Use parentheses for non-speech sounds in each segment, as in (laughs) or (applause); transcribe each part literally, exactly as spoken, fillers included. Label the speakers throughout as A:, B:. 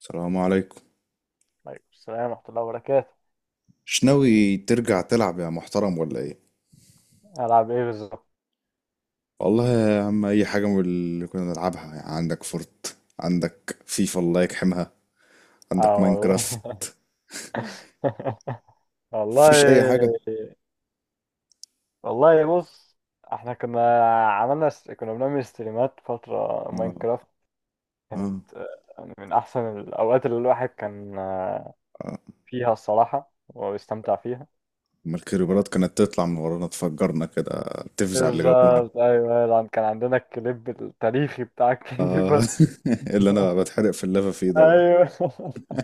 A: السلام عليكم.
B: عليكم السلام ورحمة الله وبركاته.
A: مش ناوي ترجع تلعب يا محترم ولا ايه؟
B: ألعب إيه بالظبط؟
A: والله يا عم اي حاجه من اللي كنا نلعبها يعني، عندك فورت، عندك فيفا الله يجحمها، عندك
B: آه والله.
A: ماينكرافت.
B: (laughs) والله.
A: مفيش اي حاجه.
B: والله بص، احنا كنا عملنا س... كنا بنعمل ستريمات فترة
A: اه،
B: ماينكرافت. كانت
A: اه،
B: آه، يعني من أحسن الأوقات اللي الواحد كان آه،
A: اه.
B: فيها الصراحة وبيستمتع فيها.
A: ما الكريبرات كانت تطلع من ورانا تفجرنا كده، تفزع اللي جابونا.
B: بالظبط أيوة، طبعاً كان عندنا الكليب التاريخي بتاع
A: اه.
B: الكليبر.
A: (laughs) اللي انا
B: (laughs)
A: بتحرق في اللافا فيه ده.
B: ايوه. (laughs)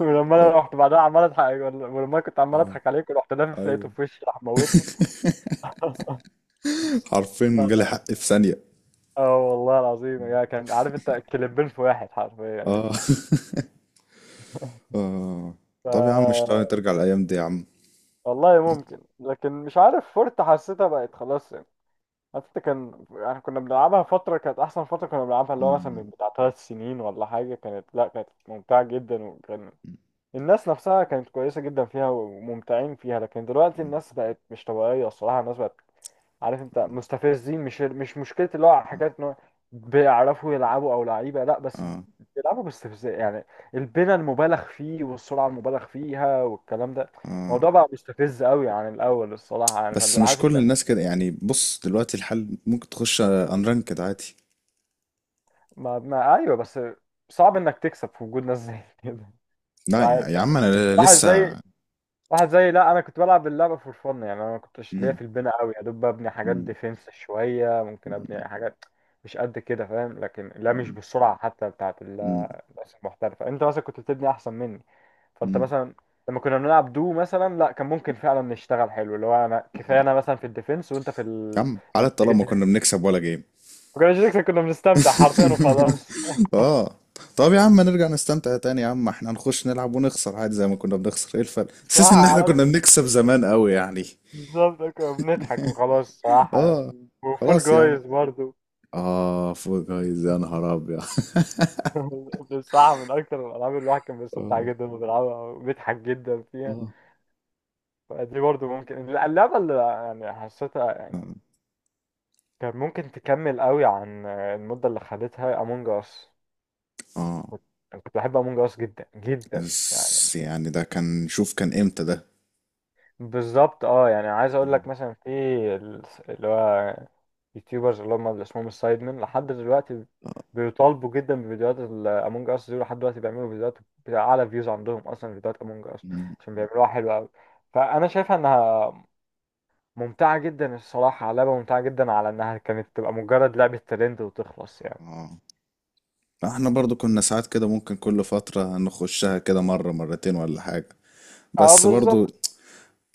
B: ولما انا رحت بعدها عمال اضحك، ولما أنا كنت عمال
A: اه،
B: اضحك عليك ورحت لافف لقيته
A: ايوه.
B: في وشي راح موتني.
A: (laughs)
B: (laughs) اه.
A: حرفيا جالي حق في ثانيه.
B: آه والله العظيم، يا كان عارف انت كليبين في واحد حرفيا يعني.
A: اه. (laughs) اه. طب يا عم مش
B: ف
A: ترجع الايام دي يا عم؟
B: والله ممكن، لكن مش عارف فورت حسيتها بقت خلاص يعني. حتى كان يعني كنا بنلعبها فترة، كانت أحسن فترة كنا بنلعبها، اللي هو مثلا
A: مم.
B: من بتاع ثلاث سنين ولا حاجة، كانت لا كانت ممتعة جدا، وكان الناس نفسها كانت كويسة جدا فيها وممتعين فيها. لكن دلوقتي
A: مم.
B: الناس بقت مش طبيعية الصراحة، الناس بقت عارف انت مستفزين. مش مش مشكلة اللي هو
A: آه.
B: حكاية ان هو بيعرفوا يلعبوا او لعيبة، لا، بس
A: آه.
B: بيلعبوا باستفزاز يعني. البناء المبالغ فيه والسرعة المبالغ فيها والكلام ده،
A: آه.
B: الموضوع بقى مستفز قوي عن الاول الصراحة يعني، فانت
A: بس مش
B: عارف
A: كل
B: انت.
A: الناس كده يعني، بص دلوقتي الحل ممكن تخش انرانكد عادي.
B: ما, ما ايوه بس صعب انك تكسب في وجود ناس زي كده، مش
A: لا يا,
B: عارف
A: يا
B: يعني.
A: عم انا
B: واحد زي
A: لسه.
B: واحد زي، لا انا كنت بلعب اللعبه فور فن يعني، انا ما كنتش ليا
A: مم.
B: في البناء قوي، يا دوب ببني حاجات
A: مم.
B: ديفenس شويه، ممكن
A: مم.
B: ابني حاجات مش قد كده فاهم. لكن لا، مش بالسرعه حتى بتاعت ال-
A: مم.
B: الناس المحترفه. انت مثلا كنت بتبني احسن مني، فانت
A: مم.
B: مثلا لما كنا بنلعب دو مثلا، لا كان ممكن فعلا نشتغل حلو، اللي هو انا
A: مم.
B: كفايه انا مثلا في الديفنس وانت في
A: يا
B: ال...
A: عم على
B: لما تيجي
A: الطلاق ما كنا
B: تهاجم،
A: بنكسب ولا جيم.
B: ما كناش نكسب، كنا بنستمتع حرفيا وخلاص.
A: (laughs) اه. طب يا عم نرجع نستمتع تاني يا عم، احنا هنخش نلعب ونخسر عادي زي ما كنا بنخسر، ايه الفرق؟
B: (laughs) صح.
A: حاسس ان احنا
B: على
A: كنا بنكسب زمان قوي يعني.
B: بالظبط، كنا بنضحك وخلاص، صح
A: (laughs)
B: يعني.
A: اه.
B: وفول
A: خلاص يا عم،
B: جايز برضو.
A: اه فوق جايز يا نهار ابيض.
B: (laughs) بصراحة من أكتر الألعاب اللي الواحد كان بيستمتع
A: اه،
B: جدا وبيلعبها وبيضحك جدا فيها.
A: اه،
B: فدي برضه ممكن اللعبة اللي يعني حسيتها يعني كان ممكن تكمل قوي عن المدة اللي خدتها أمونج أس.
A: اه.
B: كنت كنت بحب أمونج أس جدا جدا يعني.
A: بس يعني ده كان، شوف كان امتى ده.
B: بالظبط اه، يعني عايز اقول لك مثلا في ال- اللي هو يوتيوبرز اللي هم اللي اسمهم السايد مان، لحد دلوقتي
A: اه.
B: بيطالبوا جدا بفيديوهات الامونج اس دي، لحد دلوقتي بيعملوا فيديوهات بتاع اعلى فيوز عندهم اصلا فيديوهات امونج اس،
A: مم.
B: عشان بيعملوها حلوه قوي. فانا شايفها انها ممتعه جدا الصراحه، لعبه ممتعه جدا، على انها كانت تبقى مجرد لعبه ترند وتخلص يعني.
A: آه. احنا برضو كنا ساعات كده ممكن كل فترة نخشها كده مرة مرتين ولا حاجة،
B: اه
A: بس برضو
B: بالظبط،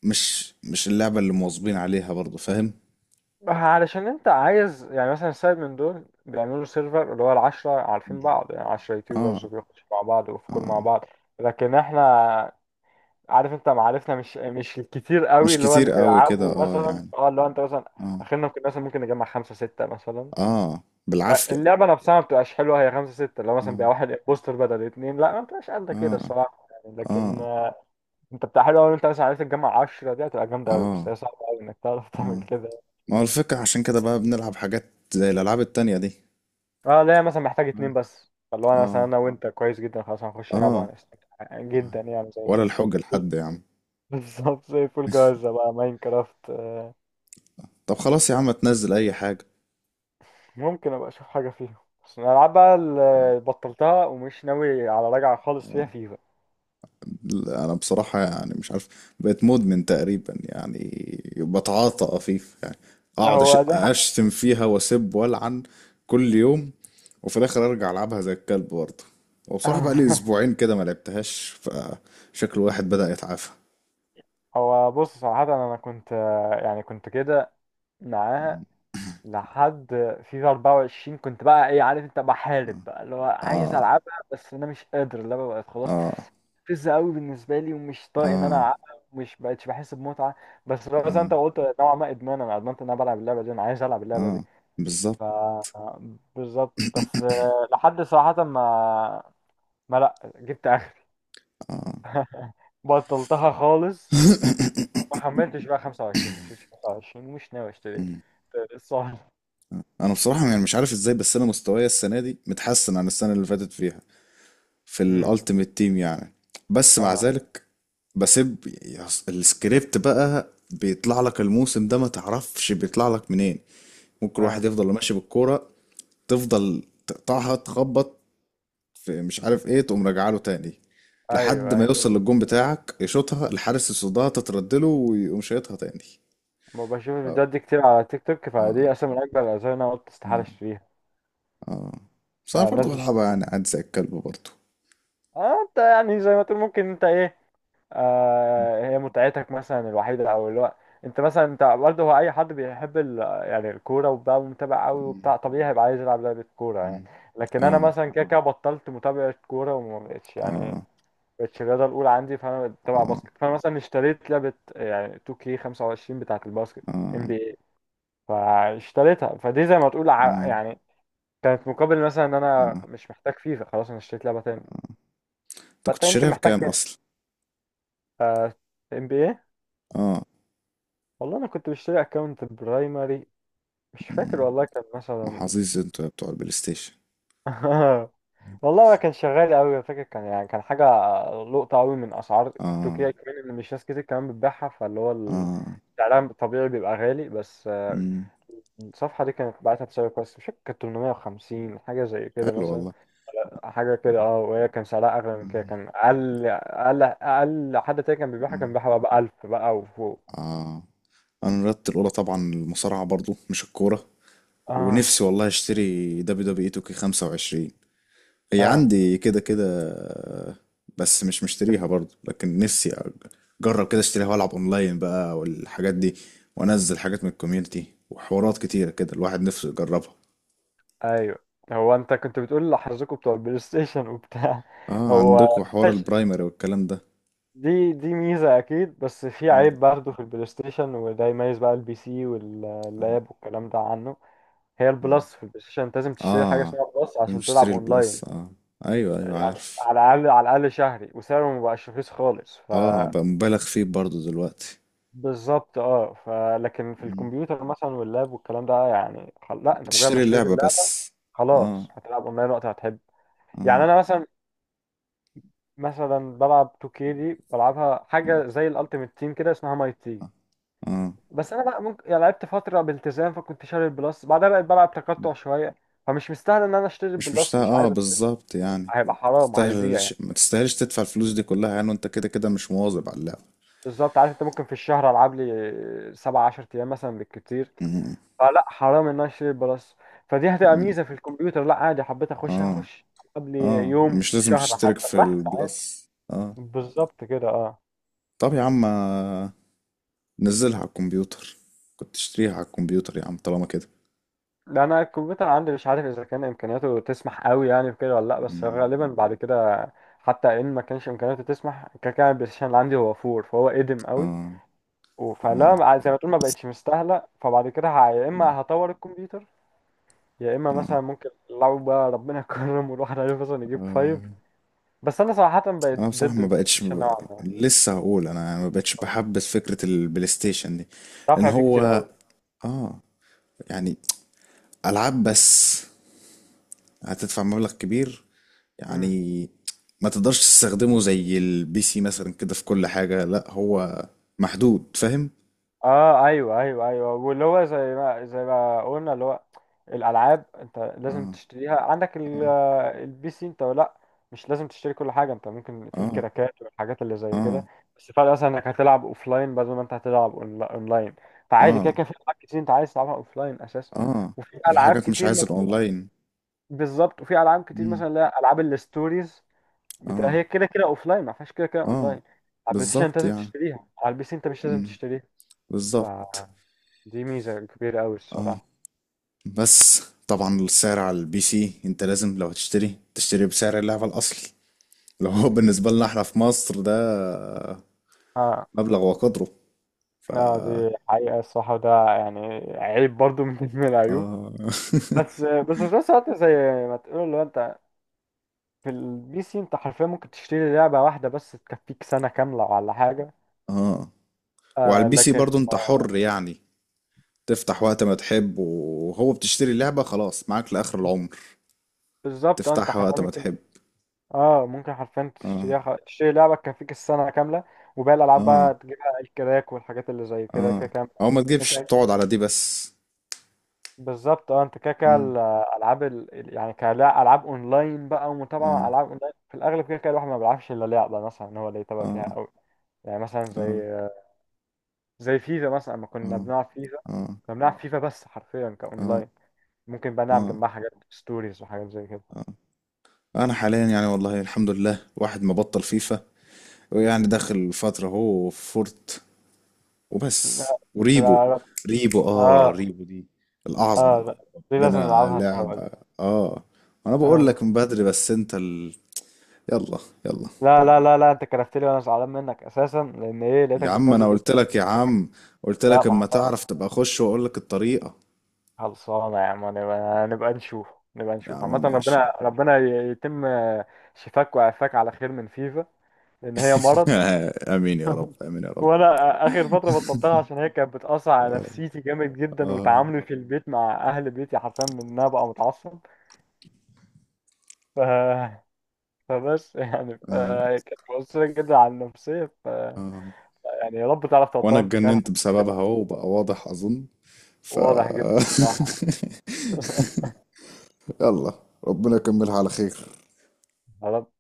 A: مش مش اللعبة اللي مواظبين عليها برضو، فاهم؟
B: علشان انت عايز يعني مثلا سايب من دول بيعملوا سيرفر اللي هو العشرة عارفين
A: مم.
B: بعض يعني، عشرة يوتيوبرز
A: اه،
B: بيخشوا مع بعض وفي كل مع
A: اه.
B: بعض. لكن احنا عارف انت معارفنا مش مش الكتير قوي،
A: مش
B: اللي هو اللي
A: كتير قوي كده
B: بيلعبوا
A: اه
B: مثلا
A: يعني.
B: اه اللي هو انت مثلا،
A: اه.
B: اخرنا ممكن مثلا ممكن نجمع خمسة ستة مثلا.
A: اه
B: آه،
A: بالعافية.
B: اللعبة نفسها ما بتبقاش حلوة هي خمسة ستة، لو مثلا
A: اه،
B: بيبقى واحد بوستر بدل اتنين لا ما بتبقاش قد كده
A: اه،
B: الصراحة يعني.
A: اه،
B: لكن آه، انت بتاع حلو قوي، انت مثلا عرفت تجمع عشرة دي هتبقى جامدة قوي، بس
A: اه،
B: هي صعبة قوي انك تعرف تعمل
A: اه.
B: كده.
A: ما هو الفكرة عشان كده بقى بنلعب حاجات زي الألعاب التانية دي.
B: اه لا مثلا محتاج اتنين بس، فاللي هو انا مثلا
A: اه،
B: انا وانت كويس جدا، خلاص هنخش نلعب
A: اه.
B: وهنستمتع جدا يعني. زي
A: ولا الحجة لحد يا عم.
B: (laughs) بالظبط، زي فول جاهزة بقى ماين كرافت.
A: طب خلاص يا عم تنزل اي حاجة.
B: ممكن ابقى اشوف حاجة فيهم، بس انا العب بقى اللي بطلتها ومش ناوي على رجعة خالص فيها
A: آه.
B: فيفا.
A: لا، انا بصراحة يعني مش عارف، بقيت مدمن تقريبا يعني، بتعاطى قفيف يعني، اقعد أش-
B: هو ده.
A: اشتم فيها واسب والعن كل يوم، وفي الاخر ارجع العبها زي الكلب برضه. وبصراحة بقى لي
B: (laughs)
A: اسبوعين كده ما لعبتهاش، فشكل واحد بدأ يتعافى.
B: هو بص صراحة انا كنت يعني كنت كده معاها لحد فيفا أربعة وعشرين، كنت بقى ايه عارف انت بحارب بقى اللي هو عايز
A: اه،
B: العبها، بس انا مش قادر، اللعبه بقت خلاص
A: اه،
B: فزة قوي بالنسبه لي، ومش طايق ان انا
A: اه،
B: العبها، مش بقتش بحس بمتعه. بس لو زي ما انت
A: اه،
B: قلت نوعا ما ادمان، انا ادمنت ان انا بلعب اللعبه دي، انا عايز العب اللعبه دي.
A: اه، بالظبط،
B: ف بالظبط، بس آه، لحد صراحه ما ما لا جبت اخري.
A: اه.
B: (laughs) بطلتها خالص، ما حملتش بقى خمسة وعشرين، مش خمسة وعشرين ومش ناوي اشتري الصراحه.
A: انا بصراحه يعني مش عارف ازاي، بس انا مستواي السنه دي متحسن عن السنه اللي فاتت فيها، في
B: امم
A: الالتيميت تيم يعني. بس مع
B: اه
A: ذلك بسيب. يس- السكريبت بقى بيطلع لك الموسم ده ما تعرفش بيطلع لك منين، ممكن واحد
B: اه
A: يفضل ماشي بالكوره تفضل تقطعها تخبط في مش عارف ايه تقوم راجعه له تاني، لحد
B: ايوه
A: ما
B: أيوه.
A: يوصل للجون بتاعك يشوطها الحارس يصدها تتردله ويقوم شايطها تاني.
B: ما بشوف
A: اه،
B: الفيديوهات دي كتير على تيك توك،
A: اه،
B: فدي اصلا من اكبر الاسباب اللي انا قلت استحاله
A: اه،
B: اشتريها.
A: اه. بس انا
B: آه،
A: برضه
B: الناس مش،
A: بلعبها يعني عادي زي الكلب برضه.
B: اه انت يعني زي ما تقول ممكن انت ايه، آه هي متعتك مثلا الوحيده او اللي هو انت مثلا، انت برضه هو اي حد بيحب ال... يعني الكوره وبقى متابع قوي
A: إمم،
B: وبتاع طبيعي هيبقى عايز يلعب لعبه كوره يعني.
A: إمم.
B: لكن انا
A: آه،
B: مثلا كده كده بطلت متابعه كوره وما بقتش يعني
A: آه،
B: بقتش الرياضه الاولى عندي، فانا بتابع
A: آه،
B: باسكت، فانا مثلا اشتريت لعبه يعني تو كيه خمسة وعشرين بتاعه الباسكت
A: آه،
B: إن بي إيه، فاشتريتها، فدي زي ما تقول ع-
A: آه،
B: يعني كان في مقابل مثلا ان انا
A: آه.
B: مش محتاج فيفا خلاص، انا اشتريت لعبه تاني.
A: أنت كنت
B: فانت يمكن
A: شاريها
B: محتاج
A: بكام
B: كده.
A: أصلًا؟
B: آه، ام بي اي.
A: آه،
B: والله انا كنت بشتري اكونت برايمري، مش فاكر
A: إمم.
B: والله كان مثلا
A: محظوظ أنتم بتوع البلاي ستيشن.
B: (laughs) والله ما كان شغال قوي، فاكر كان يعني كان حاجه لقطه قوي من اسعار
A: آه،
B: تركيا كمان، ان مش ناس كتير كمان بتبيعها، فاللي هو ال-
A: آه،
B: سعرها الطبيعي بيبقى غالي، بس آه،
A: إمم.
B: الصفحه دي كانت بعتها بسعر كويس، مش فاكر كانت ثمنمية وخمسين حاجه زي كده
A: حلو
B: مثلا،
A: والله.
B: حاجة كده اه. وهي كان سعرها أغلى من كده،
A: إمم،
B: كان أقل أقل أقل حد تاني كان بيبيعها، كان
A: آه،
B: بيبيعها بقى بألف بقى وفوق.
A: آه. أنا رياضتي الأولى طبعًا المصارعة برضه مش الكورة،
B: اه
A: ونفسي والله أشتري دبليو دبليو إي تو كيه خمسة وعشرين. هي
B: اه
A: عندي كده كده بس مش مشتريها برضو، لكن نفسي اجرب كده اشتريها والعب اونلاين بقى والحاجات دي، وانزل حاجات من الكوميونتي وحوارات كتيرة كده الواحد نفسه يجربها.
B: أيوه. هو أنت كنت بتقول لحظكوا بتوع البلاي ستيشن وبتاع (laughs)
A: اه،
B: هو
A: عندكم حوار
B: ماشي،
A: البرايمري والكلام ده.
B: دي دي ميزة أكيد، بس في
A: مم.
B: عيب برضه في البلاي ستيشن، وده يميز بقى البي سي واللاب والكلام ده عنه. هي
A: اه،
B: البلس في البلاي ستيشن أنت لازم تشتري حاجة
A: اه، آه.
B: اسمها بلس عشان تلعب
A: مشتري
B: أونلاين،
A: البلس اه، ايوه ايوه
B: يعني
A: عارف.
B: على الأقل على الأقل شهري، وسعره مبقاش رخيص خالص. ف
A: اه بقى مبالغ فيه برضو دلوقتي.
B: بالظبط اه، فلكن في
A: مم.
B: الكمبيوتر مثلا واللاب والكلام ده يعني خل... لا انت مجرد ما
A: بتشتري
B: اشتريت
A: اللعبة
B: اللاب
A: بس. اه،
B: خلاص هتلعب اونلاين وقت ما تحب. يعني
A: اه.
B: انا مثلا مثلا بلعب تو كيه دي، بلعبها
A: مم.
B: حاجه زي الالتيميت تيم كده اسمها ماي تيم،
A: اه، آه.
B: بس انا بقى ممكن يعني لعبت فتره بالتزام فكنت شاري البلس، بعدها بقيت بلعب تقطع شويه، فمش مستاهل ان انا اشتري
A: مش
B: البلس،
A: مستاهل
B: مش
A: اه،
B: عايز اشتري
A: بالظبط يعني،
B: هيبقى حرام هيضيع
A: تستاهلش،
B: يعني.
A: ما تستاهلش تدفع الفلوس دي كلها يعني، وانت كده كده مش مواظب على اللعبة.
B: بالظبط عارف انت ممكن في الشهر العب لي سبعة عشرة ايام مثلا بالكتير،
A: مم.
B: فلا حرام ان انا اشتري بلس. فدي هتبقى
A: مم.
B: ميزه في الكمبيوتر، لا عادي حبيت اخش
A: اه،
B: هخش قبل
A: اه.
B: يوم
A: مش لازم
B: شهر
A: تشترك
B: حتى
A: في
B: راح ساعات.
A: البلس اه.
B: بالظبط كده اه.
A: طب يا عم آه، نزلها على الكمبيوتر، كنت تشتريها على الكمبيوتر يا عم طالما كده.
B: لا انا الكمبيوتر عندي مش عارف اذا كان امكانياته تسمح قوي يعني في كده ولا لا، بس
A: مم.
B: غالبا بعد كده حتى ان ما كانش امكانياته تسمح كده كده، البلاي ستيشن اللي عندي هو فور فهو قديم قوي.
A: اه،
B: و-
A: اه.
B: فلا زي ما تقول ما بقتش مستاهله، فبعد كده ه- يا
A: مم.
B: اما هطور الكمبيوتر، يا اما
A: اه،
B: مثلا ممكن لو بقى ربنا كرم والواحد عارف مثلا يجيب فايف.
A: آه.
B: بس انا صراحه بقيت
A: انا
B: ضد
A: بصراحة ما
B: البلاي
A: بقتش
B: ستيشن نوعا
A: ببقى...
B: ما،
A: لسه هقول انا يعني ما بقتش بحبس فكرة البلاي ستيشن دي، ان
B: دافع فيه كتير
A: هو
B: قوي.
A: اه يعني العاب بس هتدفع مبلغ كبير
B: امم
A: يعني، ما تقدرش تستخدمه زي البي سي مثلا كده في كل حاجة، لا هو محدود، فاهم؟
B: اه ايوه ايوه ايوه واللي هو زي ما زي ما قلنا اللي هو الالعاب انت لازم
A: اه،
B: تشتريها، عندك ال-
A: اه،
B: آه، البي سي انت لا، مش لازم تشتري كل حاجه، انت ممكن في
A: اه،
B: الكراكات والحاجات اللي زي
A: اه،
B: كده، بس الفرق مثلا انك هتلعب اوفلاين بدل ما انت هتلعب أونلا- اونلاين. فعادي كده
A: اه،
B: كده في العاب كتير انت عايز تلعبها اوفلاين اساسا،
A: اه.
B: وفي
A: في
B: العاب
A: حاجات مش
B: كتير
A: عايز
B: ما بت-
A: الاونلاين.
B: بالظبط، وفي العاب كتير
A: مم.
B: مثلا اللي هي العاب الستوريز بتبقى
A: اه،
B: هي كده كده اوف لاين، ما فيهاش كده كده اون
A: اه.
B: لاين. على البلاي ستيشن انت
A: بالظبط
B: لازم
A: يعني.
B: تشتريها، على البي سي انت مش لازم
A: مم.
B: تشتريها،
A: بالظبط.
B: فدي ميزه كبيره قوي
A: اه.
B: الصراحه.
A: بس طبعا السعر على البي سي انت لازم لو هتشتري تشتري بسعر اللعبة الاصلي، لو هو بالنسبة لنا احنا في مصر ده
B: اه
A: مبلغ وقدره، ف
B: اه دي حقيقه الصراحه، وده يعني عيب برضو (laughs) من من العيوب.
A: اه.
B: بس
A: (laughs)
B: بس في نفس الوقت زي ما تقول لو انت في البي سي انت حرفيا ممكن تشتري لعبه واحده بس تكفيك سنه كامله ولا حاجه.
A: اه. وعلى
B: آه
A: البي سي
B: لكن
A: برضو انت حر يعني تفتح وقت ما تحب، وهو بتشتري اللعبة خلاص معاك لآخر العمر،
B: بالظبط، آه، انت
A: تفتحها
B: حرفيا
A: وقت ما
B: ممكن،
A: تحب.
B: اه ممكن حرفيا
A: اه،
B: تشتريها خ- تشتري لعبة تكفيك السنة كاملة، وباقي الألعاب
A: اه،
B: بقى تجيبها الكراك والحاجات اللي زي كده
A: اه.
B: كده كام
A: او ما
B: انت.
A: تجيبش تقعد على دي بس.
B: بالظبط اه، انت كده كده
A: مم.
B: الألعاب ال... ال- يعني كألعاب أونلاين بقى ومتابعة مع
A: اه،
B: ألعاب أونلاين في الأغلب، كده كده الواحد ما بيلعبش إلا لعبة مثلا إن هو اللي يتابع فيها
A: اه،
B: أوي. يعني مثلا
A: اه،
B: زي زي فيفا مثلا، لما كنا
A: اه،
B: بنلعب فيفا
A: اه،
B: كنا بنلعب فيفا بس حرفيا
A: اه،
B: كأونلاين، ممكن بقى نلعب
A: اه،
B: جنبها حاجات ستوريز وحاجات زي كده.
A: اه. انا حاليا يعني والله الحمد لله واحد ما بطل فيفا، ويعني داخل فترة هو فورت وبس
B: لا
A: وريبو.
B: لا لا.
A: ريبو اه،
B: اه
A: ريبو دي الأعظم.
B: اه لا، دي لازم
A: بنا
B: نلعبها سوا دي.
A: لعبة اه، انا بقول لك
B: اه
A: من بدري بس انت ال... يلا، يلا.
B: لا لا لا لا انت كرفت لي وانا زعلان منك اساسا لان ايه
A: يا
B: لقيتك
A: عم انا
B: بتنزل في
A: قلت لك يا عم، قلت
B: (laughs) لا
A: لك
B: ما
A: اما
B: حصل.
A: تعرف تبقى خش واقول لك الطريقة.
B: خلصانه يا عم، نبقى نبقى نشوف، نبقى
A: يا
B: نشوف
A: عم
B: عامه.
A: ماشي.
B: ربنا ربنا ي- يتم شفاك وعافاك على خير من فيفا، لان هي مرض.
A: (laughs) امين يا رب،
B: (laughs)
A: امين يا رب.
B: وانا اخر فتره بطلتها عشان هي كانت بتاثر على
A: آه،
B: نفسيتي جامد جدا
A: آه،
B: وتعاملي في البيت مع اهل بيتي، حرفيا من ان انا بقى متعصب. ف... (laughs) فبس يعني ف...
A: آه،
B: كانت مؤثره جدا على النفسيه. ف...
A: آه.
B: يعني يا رب تعرف
A: وانا
B: تبطلها انت كمان.
A: اتجننت بسببها اهو بقى واضح اظن، ف
B: واضح جدا
A: (laughs)
B: الصراحة. (laughs)
A: يلا، ربنا يكملها على خير.
B: خلاص.